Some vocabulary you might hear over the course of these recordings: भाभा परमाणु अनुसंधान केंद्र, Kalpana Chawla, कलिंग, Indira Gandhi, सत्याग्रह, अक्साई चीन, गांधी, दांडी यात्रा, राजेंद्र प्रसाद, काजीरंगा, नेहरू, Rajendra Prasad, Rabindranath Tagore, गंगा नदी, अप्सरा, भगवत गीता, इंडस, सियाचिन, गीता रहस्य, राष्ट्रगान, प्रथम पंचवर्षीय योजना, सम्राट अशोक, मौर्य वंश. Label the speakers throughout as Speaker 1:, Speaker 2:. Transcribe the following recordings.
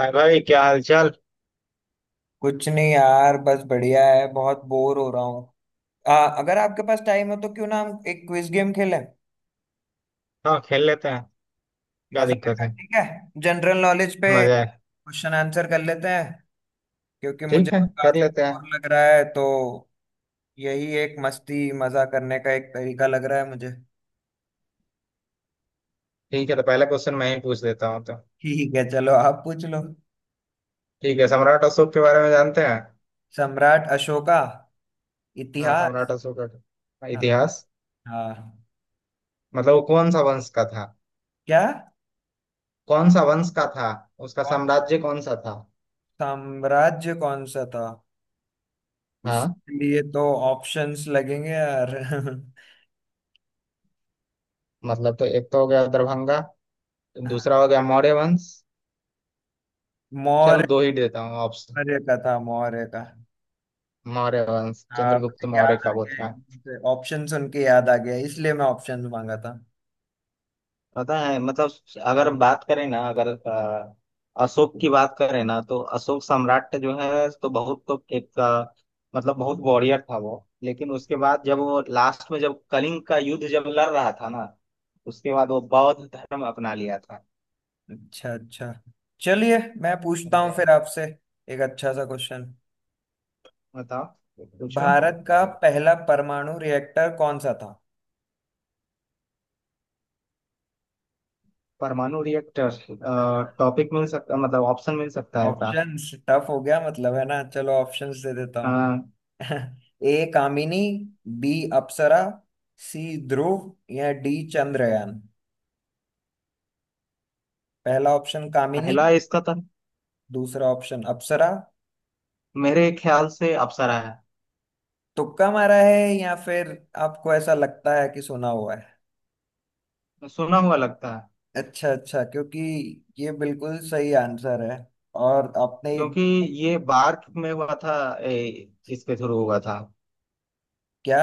Speaker 1: हाय भाई, क्या हाल चाल।
Speaker 2: कुछ नहीं यार, बस बढ़िया है। बहुत बोर हो रहा हूँ। आ, अगर आपके पास टाइम हो तो क्यों ना हम एक क्विज गेम खेलें।
Speaker 1: हाँ, खेल लेते हैं। क्या
Speaker 2: मजा
Speaker 1: दिक्कत
Speaker 2: आएगा,
Speaker 1: है।
Speaker 2: ठीक है। जनरल नॉलेज पे
Speaker 1: मजा है।
Speaker 2: क्वेश्चन आंसर कर लेते हैं, क्योंकि मुझे
Speaker 1: ठीक है,
Speaker 2: तो
Speaker 1: कर
Speaker 2: काफी
Speaker 1: लेते हैं।
Speaker 2: बोर लग रहा है, तो यही एक मस्ती मजा करने का एक तरीका लग रहा है मुझे।
Speaker 1: ठीक है, तो पहला क्वेश्चन मैं ही पूछ देता हूँ तो,
Speaker 2: ठीक है, चलो आप पूछ लो।
Speaker 1: ठीक है, सम्राट अशोक के बारे में जानते हैं।
Speaker 2: सम्राट अशोका।
Speaker 1: हाँ,
Speaker 2: इतिहास।
Speaker 1: सम्राट अशोक का
Speaker 2: हाँ।
Speaker 1: इतिहास।
Speaker 2: हाँ।
Speaker 1: मतलब, वो कौन सा वंश का था।
Speaker 2: क्या?
Speaker 1: कौन सा वंश का था। उसका
Speaker 2: कौन?
Speaker 1: साम्राज्य कौन सा था।
Speaker 2: साम्राज्य कौन सा था?
Speaker 1: हाँ।
Speaker 2: इसके लिए तो ऑप्शंस लगेंगे यार।
Speaker 1: मतलब तो एक तो हो गया दरभंगा। दूसरा हो गया मौर्य वंश। चलो,
Speaker 2: मौर्य।
Speaker 1: दो ही देता हूँ ऑप्शन।
Speaker 2: मौर्य का था, मौर्य का।
Speaker 1: मौर्य वंश,
Speaker 2: हाँ,
Speaker 1: चंद्रगुप्त
Speaker 2: मुझे
Speaker 1: मौर्य
Speaker 2: याद आ
Speaker 1: का वो
Speaker 2: गया,
Speaker 1: था।
Speaker 2: एकदम से ऑप्शन सुन के याद आ गया, इसलिए मैं ऑप्शन मांगा था।
Speaker 1: पता है, मतलब, अगर हम बात करें ना, अगर अशोक की बात करें ना, तो अशोक सम्राट जो है, तो बहुत, तो एक, मतलब बहुत वॉरियर था वो, लेकिन उसके बाद जब वो लास्ट में जब कलिंग का युद्ध जब लड़ रहा था ना, उसके बाद वो बौद्ध धर्म अपना लिया था।
Speaker 2: अच्छा, अच्छा। चलिए, मैं पूछता हूँ
Speaker 1: समझे।
Speaker 2: फिर आपसे एक अच्छा सा क्वेश्चन।
Speaker 1: बताओ। पूछो।
Speaker 2: भारत का पहला परमाणु रिएक्टर कौन सा था?
Speaker 1: परमाणु रिएक्टर। टॉपिक मिल सकता, मतलब ऑप्शन मिल सकता है क्या।
Speaker 2: ऑप्शंस टफ हो गया मतलब, है ना? चलो, ऑप्शंस दे देता
Speaker 1: अ,
Speaker 2: हूँ। ए कामिनी, बी अप्सरा, सी ध्रुव, या डी चंद्रयान। पहला ऑप्शन कामिनी,
Speaker 1: पहला इसका था।
Speaker 2: दूसरा ऑप्शन अप्सरा।
Speaker 1: मेरे ख्याल से अप्सरा है।
Speaker 2: तुक्का मारा है, या फिर आपको ऐसा लगता है कि सुना हुआ है?
Speaker 1: सुना हुआ लगता है।
Speaker 2: अच्छा, अच्छा, क्योंकि ये बिल्कुल सही आंसर है। और आपने?
Speaker 1: क्योंकि ये बार्क में हुआ था, ए, इसके थ्रू हुआ था।
Speaker 2: क्या?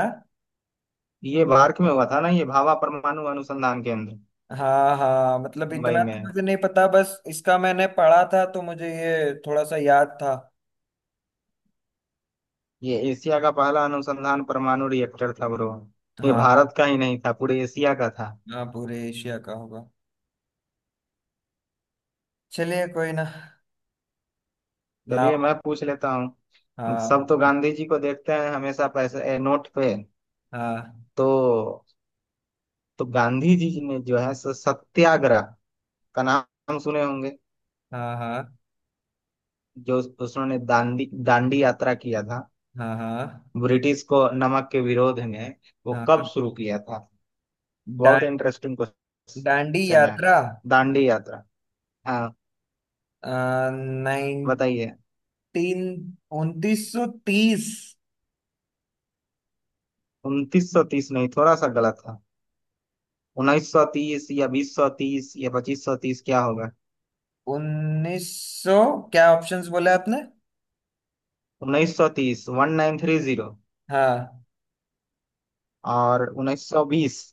Speaker 1: ये बार्क में हुआ था ना, ये भाभा परमाणु अनुसंधान केंद्र,
Speaker 2: हाँ, हाँ, मतलब
Speaker 1: मुंबई
Speaker 2: इतना तो
Speaker 1: में।
Speaker 2: मुझे नहीं पता, बस इसका मैंने पढ़ा था तो मुझे ये थोड़ा सा याद था।
Speaker 1: ये एशिया का पहला अनुसंधान परमाणु रिएक्टर था ब्रो। ये
Speaker 2: हाँ।
Speaker 1: भारत का ही नहीं था, पूरे एशिया का था।
Speaker 2: हाँ, पूरे एशिया का होगा। चलिए, कोई ना। ना।
Speaker 1: चलिए, मैं पूछ लेता हूँ।
Speaker 2: हाँ।
Speaker 1: सब तो गांधी जी को देखते हैं हमेशा पैसे, नोट पे।
Speaker 2: हाँ।
Speaker 1: तो तो गांधी जी ने जो है सो सत्याग्रह का नाम सुने होंगे।
Speaker 2: हाँ। हाँ।
Speaker 1: उन्होंने दांडी दांडी यात्रा किया था,
Speaker 2: हाँ। हाँ।
Speaker 1: ब्रिटिश को नमक के विरोध में। वो कब
Speaker 2: हाँ।
Speaker 1: शुरू किया था।
Speaker 2: डा,
Speaker 1: बहुत इंटरेस्टिंग
Speaker 2: डांडी
Speaker 1: क्वेश्चन है।
Speaker 2: यात्रा।
Speaker 1: दांडी यात्रा। हाँ,
Speaker 2: 19,
Speaker 1: बताइए।
Speaker 2: 2930।
Speaker 1: 2930, नहीं, थोड़ा सा गलत था। 1930 या 2030 या 2530, क्या होगा।
Speaker 2: उन्नीस सौ, क्या ऑप्शंस बोले आपने?
Speaker 1: 1930, 1930,
Speaker 2: हाँ,
Speaker 1: और 1920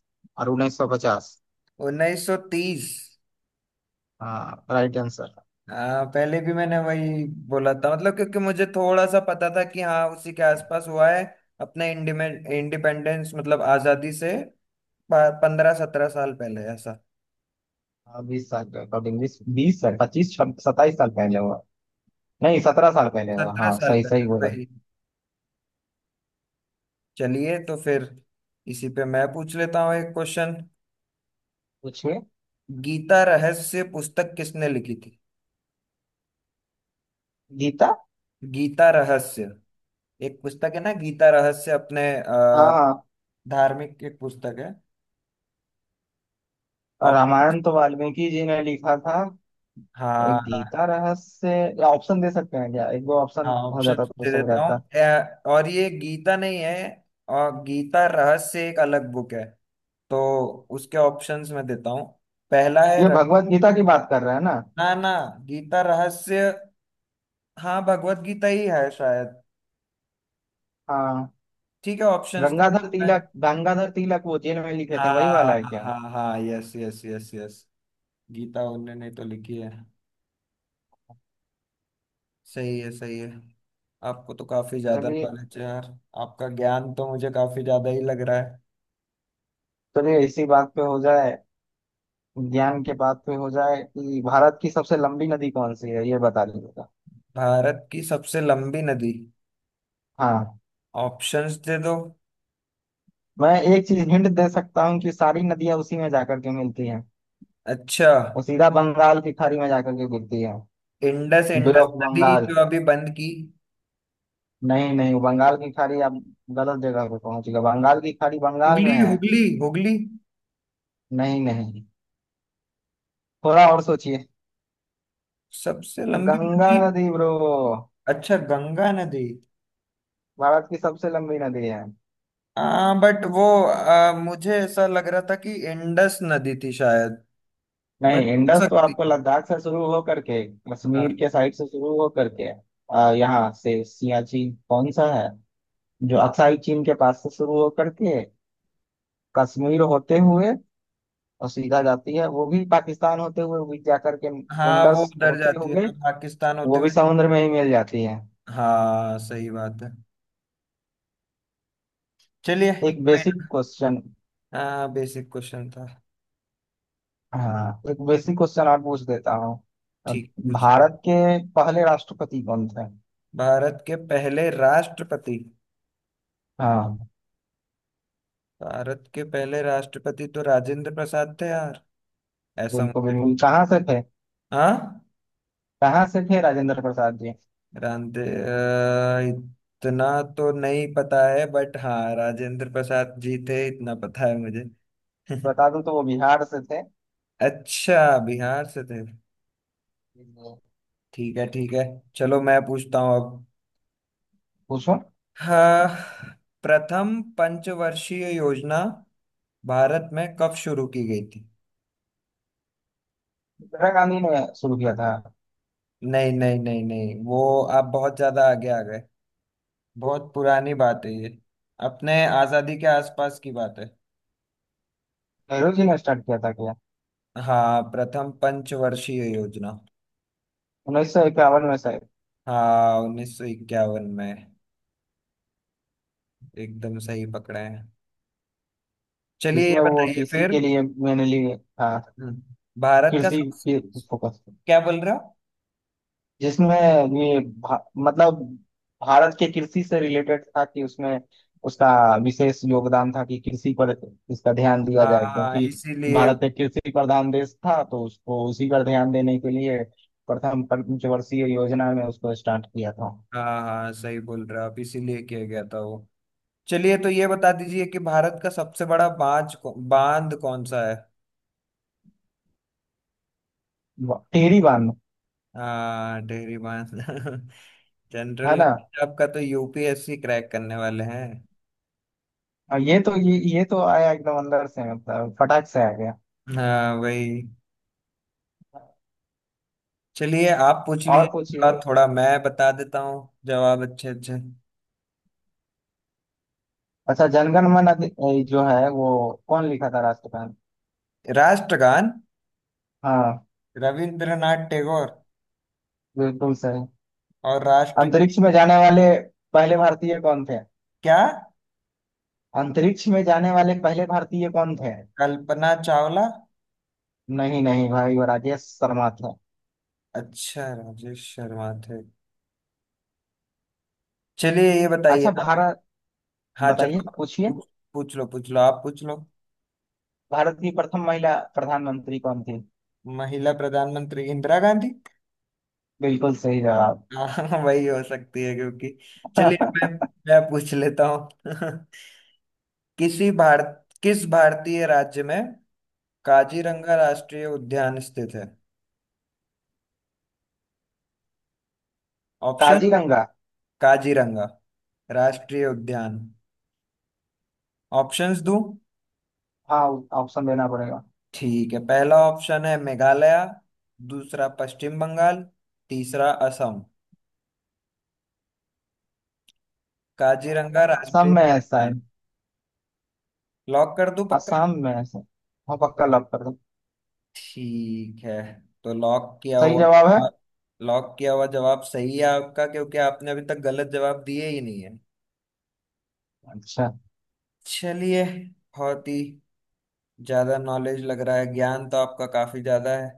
Speaker 1: और 1950।
Speaker 2: 1930।
Speaker 1: हाँ, राइट आंसर।
Speaker 2: हाँ, पहले भी मैंने वही बोला था, मतलब, क्योंकि मुझे थोड़ा सा पता था कि हाँ, उसी के आसपास हुआ है, अपने इंडिपेंडेंस, मतलब आजादी से 15 17 साल पहले ऐसा।
Speaker 1: 20 साल के अकॉर्डिंग, बीस बीस साल, 25-27 साल पहले हुआ। नहीं, 17 साल पहले हुआ,
Speaker 2: सत्रह
Speaker 1: हाँ,
Speaker 2: साल
Speaker 1: सही सही
Speaker 2: पहले,
Speaker 1: बोला।
Speaker 2: वही। चलिए, तो फिर इसी पे मैं पूछ लेता हूँ एक क्वेश्चन।
Speaker 1: पूछिए।
Speaker 2: गीता रहस्य पुस्तक किसने लिखी थी?
Speaker 1: गीता।
Speaker 2: गीता रहस्य, एक पुस्तक है ना, गीता रहस्य, अपने
Speaker 1: हाँ, हाँ।
Speaker 2: धार्मिक एक पुस्तक है। ऑप्शन।
Speaker 1: रामायण तो वाल्मीकि जी ने लिखा था।
Speaker 2: हाँ।
Speaker 1: गीता रहस्य। या ऑप्शन दे सकते हैं क्या, एक दो
Speaker 2: हाँ,
Speaker 1: ऑप्शन हो
Speaker 2: ऑप्शन
Speaker 1: जाता तो
Speaker 2: दे
Speaker 1: सही
Speaker 2: देता हूँ।
Speaker 1: रहता।
Speaker 2: और ये गीता नहीं है, और गीता रहस्य एक अलग बुक है। तो उसके ऑप्शंस मैं देता हूँ। पहला है
Speaker 1: ये भगवत गीता की बात कर रहे हैं ना।
Speaker 2: ना, ना। गीता रहस्य। हाँ, भगवत गीता ही है शायद।
Speaker 1: हाँ।
Speaker 2: ठीक है, ऑप्शंस देता
Speaker 1: गंगाधर
Speaker 2: हूँ मैं।
Speaker 1: तिलक गंगाधर तिलक वो जेल में लिखे थे, वही
Speaker 2: हाँ।
Speaker 1: वाला है क्या।
Speaker 2: हाँ, हाँ, yes, yes, yes, yes. Gita उनने नहीं तो लिखी है। सही है, सही है। आपको तो काफी ज्यादा
Speaker 1: चलिए।
Speaker 2: नॉलेज है यार। आपका ज्ञान तो मुझे काफी ज्यादा ही लग रहा है।
Speaker 1: चलिए, इसी बात पे हो जाए, ज्ञान के बात पे हो जाए कि भारत की सबसे लंबी नदी कौन सी है, ये बता दीजिएगा।
Speaker 2: भारत की सबसे लंबी नदी।
Speaker 1: हाँ।
Speaker 2: ऑप्शंस दे दो।
Speaker 1: मैं एक चीज हिंट दे सकता हूँ कि सारी नदियां उसी में जाकर के मिलती हैं।
Speaker 2: अच्छा।
Speaker 1: वो सीधा बंगाल की खाड़ी में जाकर के गिरती है।
Speaker 2: इंडस, इंडस
Speaker 1: ब्लॉक
Speaker 2: नदी
Speaker 1: बंगाल,
Speaker 2: जो अभी बंद की।
Speaker 1: नहीं नहीं, बंगाल की खाड़ी, आप गलत जगह पे पहुंच गए। बंगाल की खाड़ी बंगाल
Speaker 2: हुगली,
Speaker 1: में है।
Speaker 2: हुगली, हुगली।
Speaker 1: नहीं नहीं, थोड़ा और सोचिए।
Speaker 2: सबसे लंबी
Speaker 1: गंगा
Speaker 2: नदी।
Speaker 1: नदी ब्रो,
Speaker 2: अच्छा, गंगा नदी।
Speaker 1: भारत की सबसे लंबी नदी है।
Speaker 2: आ, बट वो मुझे ऐसा लग रहा था कि इंडस नदी थी शायद।
Speaker 1: नहीं,
Speaker 2: बट हो
Speaker 1: इंडस तो
Speaker 2: सकती।
Speaker 1: आपको लद्दाख से शुरू हो करके, कश्मीर
Speaker 2: हाँ।
Speaker 1: के साइड से शुरू हो करके, यहाँ से सियाचिन कौन सा है, जो अक्साई चीन के पास से शुरू हो करके कश्मीर होते हुए, और सीधा जाती है वो भी पाकिस्तान होते हुए भी जा करके,
Speaker 2: हाँ, वो
Speaker 1: इंडस
Speaker 2: उधर
Speaker 1: होते
Speaker 2: जाती है
Speaker 1: हुए
Speaker 2: ना, पाकिस्तान होते
Speaker 1: वो भी
Speaker 2: हुए।
Speaker 1: समुद्र में ही मिल जाती है।
Speaker 2: हाँ, सही बात है। चलिए,
Speaker 1: एक
Speaker 2: कोई
Speaker 1: बेसिक
Speaker 2: ना।
Speaker 1: क्वेश्चन।
Speaker 2: हाँ, बेसिक क्वेश्चन था।
Speaker 1: हाँ, एक बेसिक क्वेश्चन आप पूछ देता हूँ। अब
Speaker 2: ठीक, पूछ लो।
Speaker 1: भारत के पहले राष्ट्रपति कौन थे।
Speaker 2: भारत के पहले राष्ट्रपति।
Speaker 1: हाँ,
Speaker 2: भारत के पहले राष्ट्रपति तो राजेंद्र प्रसाद थे यार। ऐसा
Speaker 1: बिल्कुल
Speaker 2: मत-
Speaker 1: बिल्कुल, कहाँ से थे।
Speaker 2: हाँ।
Speaker 1: कहाँ से थे राजेंद्र प्रसाद जी।
Speaker 2: इतना तो नहीं पता है, बट हाँ, राजेंद्र प्रसाद जी थे, इतना पता है मुझे।
Speaker 1: बता दूं तो वो बिहार से थे।
Speaker 2: अच्छा, बिहार से थे। ठीक है, ठीक है। चलो, मैं पूछता हूँ अब।
Speaker 1: पूछो।
Speaker 2: हाँ। प्रथम पंचवर्षीय योजना भारत में कब शुरू की गई थी?
Speaker 1: इंदिरा गांधी ने शुरू किया था।
Speaker 2: नहीं, नहीं, नहीं, नहीं, वो आप बहुत ज्यादा आगे आ गए। बहुत पुरानी बात है ये, अपने आजादी के आसपास की बात है।
Speaker 1: नेहरू जी ने स्टार्ट किया था क्या,
Speaker 2: हाँ, प्रथम पंचवर्षीय योजना।
Speaker 1: 1951 में शायद।
Speaker 2: हाँ, 1951 में एकदम सही पकड़े हैं। चलिए, ये
Speaker 1: जिसमें वो
Speaker 2: बताइए
Speaker 1: कृषि
Speaker 2: फिर।
Speaker 1: के लिए मैंने लिए था।
Speaker 2: हम्म, भारत का
Speaker 1: कृषि
Speaker 2: सबसे,
Speaker 1: पे फोकस।
Speaker 2: क्या बोल रहे हो?
Speaker 1: जिसमें मतलब भारत के कृषि से रिलेटेड था कि उसमें उसका विशेष योगदान था कि कृषि पर इसका ध्यान दिया
Speaker 2: हाँ,
Speaker 1: जाए,
Speaker 2: हाँ,
Speaker 1: क्योंकि
Speaker 2: इसीलिए।
Speaker 1: भारत एक कृषि प्रधान देश था, तो उसको उसी पर ध्यान देने के लिए प्रथम पंचवर्षीय योजना में उसको स्टार्ट किया था।
Speaker 2: हाँ, हाँ, सही बोल रहे हो आप, इसीलिए किया गया था वो। चलिए, तो ये बता दीजिए कि भारत का सबसे बड़ा बांध, बांध कौन सा है?
Speaker 1: टिहरी बांध।
Speaker 2: हाँ, डेयरी बांस। जनरल
Speaker 1: है ना।
Speaker 2: नॉलेज आपका तो, यूपीएससी क्रैक करने वाले हैं।
Speaker 1: और ये तो, ये तो आया एकदम अंदर से, मतलब फटाक से आ गया।
Speaker 2: हाँ, वही। चलिए, आप पूछ लिए,
Speaker 1: और पूछिए।
Speaker 2: थोड़ा थोड़ा मैं बता देता हूँ जवाब, अच्छे अच्छे।
Speaker 1: अच्छा, जनगण मन जो है वो, कौन लिखा था राष्ट्रगान।
Speaker 2: राष्ट्रगान।
Speaker 1: हाँ,
Speaker 2: रविंद्रनाथ टैगोर।
Speaker 1: बिल्कुल सही।
Speaker 2: और राष्ट्र,
Speaker 1: अंतरिक्ष में जाने वाले पहले भारतीय कौन थे।
Speaker 2: क्या?
Speaker 1: अंतरिक्ष में जाने वाले पहले भारतीय कौन थे।
Speaker 2: कल्पना चावला।
Speaker 1: नहीं नहीं भाई, वो राजेश शर्मा थे।
Speaker 2: अच्छा, राजेश शर्मा थे। चलिए, ये बताइए
Speaker 1: अच्छा,
Speaker 2: आप।
Speaker 1: भारत।
Speaker 2: हाँ, चलो
Speaker 1: बताइए,
Speaker 2: आप।
Speaker 1: पूछिए।
Speaker 2: पूछ पूछ लो, पूछ लो, आप पूछ लो।
Speaker 1: भारत की प्रथम महिला प्रधानमंत्री कौन थी।
Speaker 2: महिला प्रधानमंत्री इंदिरा गांधी।
Speaker 1: बिल्कुल सही जवाब।
Speaker 2: हाँ, वही हो सकती है, क्योंकि चलिए मैं पूछ लेता हूँ। किसी भारत, किस भारतीय राज्य में काजीरंगा राष्ट्रीय उद्यान स्थित है? ऑप्शन।
Speaker 1: काजीरंगा।
Speaker 2: काजीरंगा। राष्ट्रीय उद्यान। ऑप्शंस दूं?
Speaker 1: हाँ, ऑप्शन देना पड़ेगा।
Speaker 2: ठीक है, पहला ऑप्शन है मेघालय। दूसरा पश्चिम बंगाल। तीसरा असम। काजीरंगा
Speaker 1: असम
Speaker 2: राष्ट्रीय
Speaker 1: में है
Speaker 2: उद्यान।
Speaker 1: शायद।
Speaker 2: लॉक कर दूं, पक्का?
Speaker 1: असम में है शायद। हाँ, पक्का लॉक कर दो।
Speaker 2: ठीक है, तो लॉक किया
Speaker 1: सही जवाब है।
Speaker 2: हुआ। लॉक किया हुआ जवाब सही है आपका, क्योंकि आपने अभी तक गलत जवाब दिए ही नहीं है।
Speaker 1: अच्छा।
Speaker 2: चलिए, बहुत ही ज्यादा नॉलेज लग रहा है, ज्ञान तो आपका काफी ज्यादा है।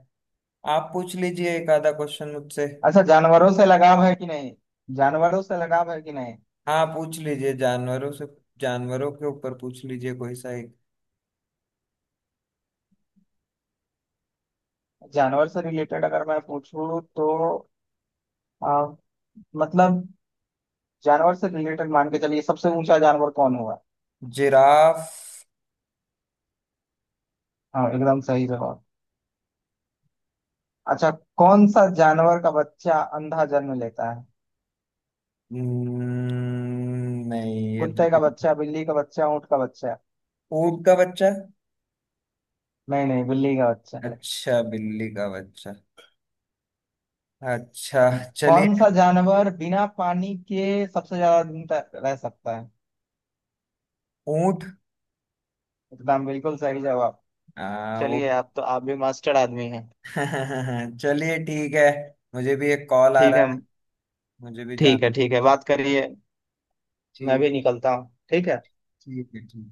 Speaker 2: आप पूछ लीजिए एक आधा क्वेश्चन मुझसे।
Speaker 1: अच्छा, जानवरों से लगाव है कि नहीं। जानवरों से लगाव है कि नहीं।
Speaker 2: हाँ, पूछ लीजिए जानवरों से, जानवरों के ऊपर पूछ लीजिए कोई सा एक।
Speaker 1: जानवर से रिलेटेड अगर मैं पूछूं तो, आ, मतलब जानवर से रिलेटेड मान के चलिए, सबसे ऊंचा जानवर कौन हुआ।
Speaker 2: जिराफ।
Speaker 1: हाँ, एकदम सही जवाब। अच्छा, कौन सा जानवर का बच्चा अंधा जन्म लेता है।
Speaker 2: नहीं, ये तो
Speaker 1: कुत्ते का बच्चा, बिल्ली का बच्चा, ऊंट का बच्चा।
Speaker 2: ऊंट का बच्चा।
Speaker 1: नहीं नहीं, बिल्ली का बच्चा।
Speaker 2: अच्छा, बिल्ली का बच्चा। अच्छा। चलिए।
Speaker 1: कौन सा जानवर बिना पानी के सबसे ज्यादा दिन तक रह सकता है।
Speaker 2: ऊंट।
Speaker 1: एकदम बिल्कुल सही जवाब।
Speaker 2: वो।
Speaker 1: चलिए, आप तो, आप भी मास्टर आदमी हैं।
Speaker 2: चलिए, ठीक है। मुझे भी एक कॉल आ
Speaker 1: ठीक है।
Speaker 2: रहा है, मुझे भी
Speaker 1: ठीक
Speaker 2: जाना।
Speaker 1: है, ठीक है, बात करिए। मैं
Speaker 2: ठीक।
Speaker 1: भी निकलता हूँ, ठीक है।
Speaker 2: ठीक है। ठीक।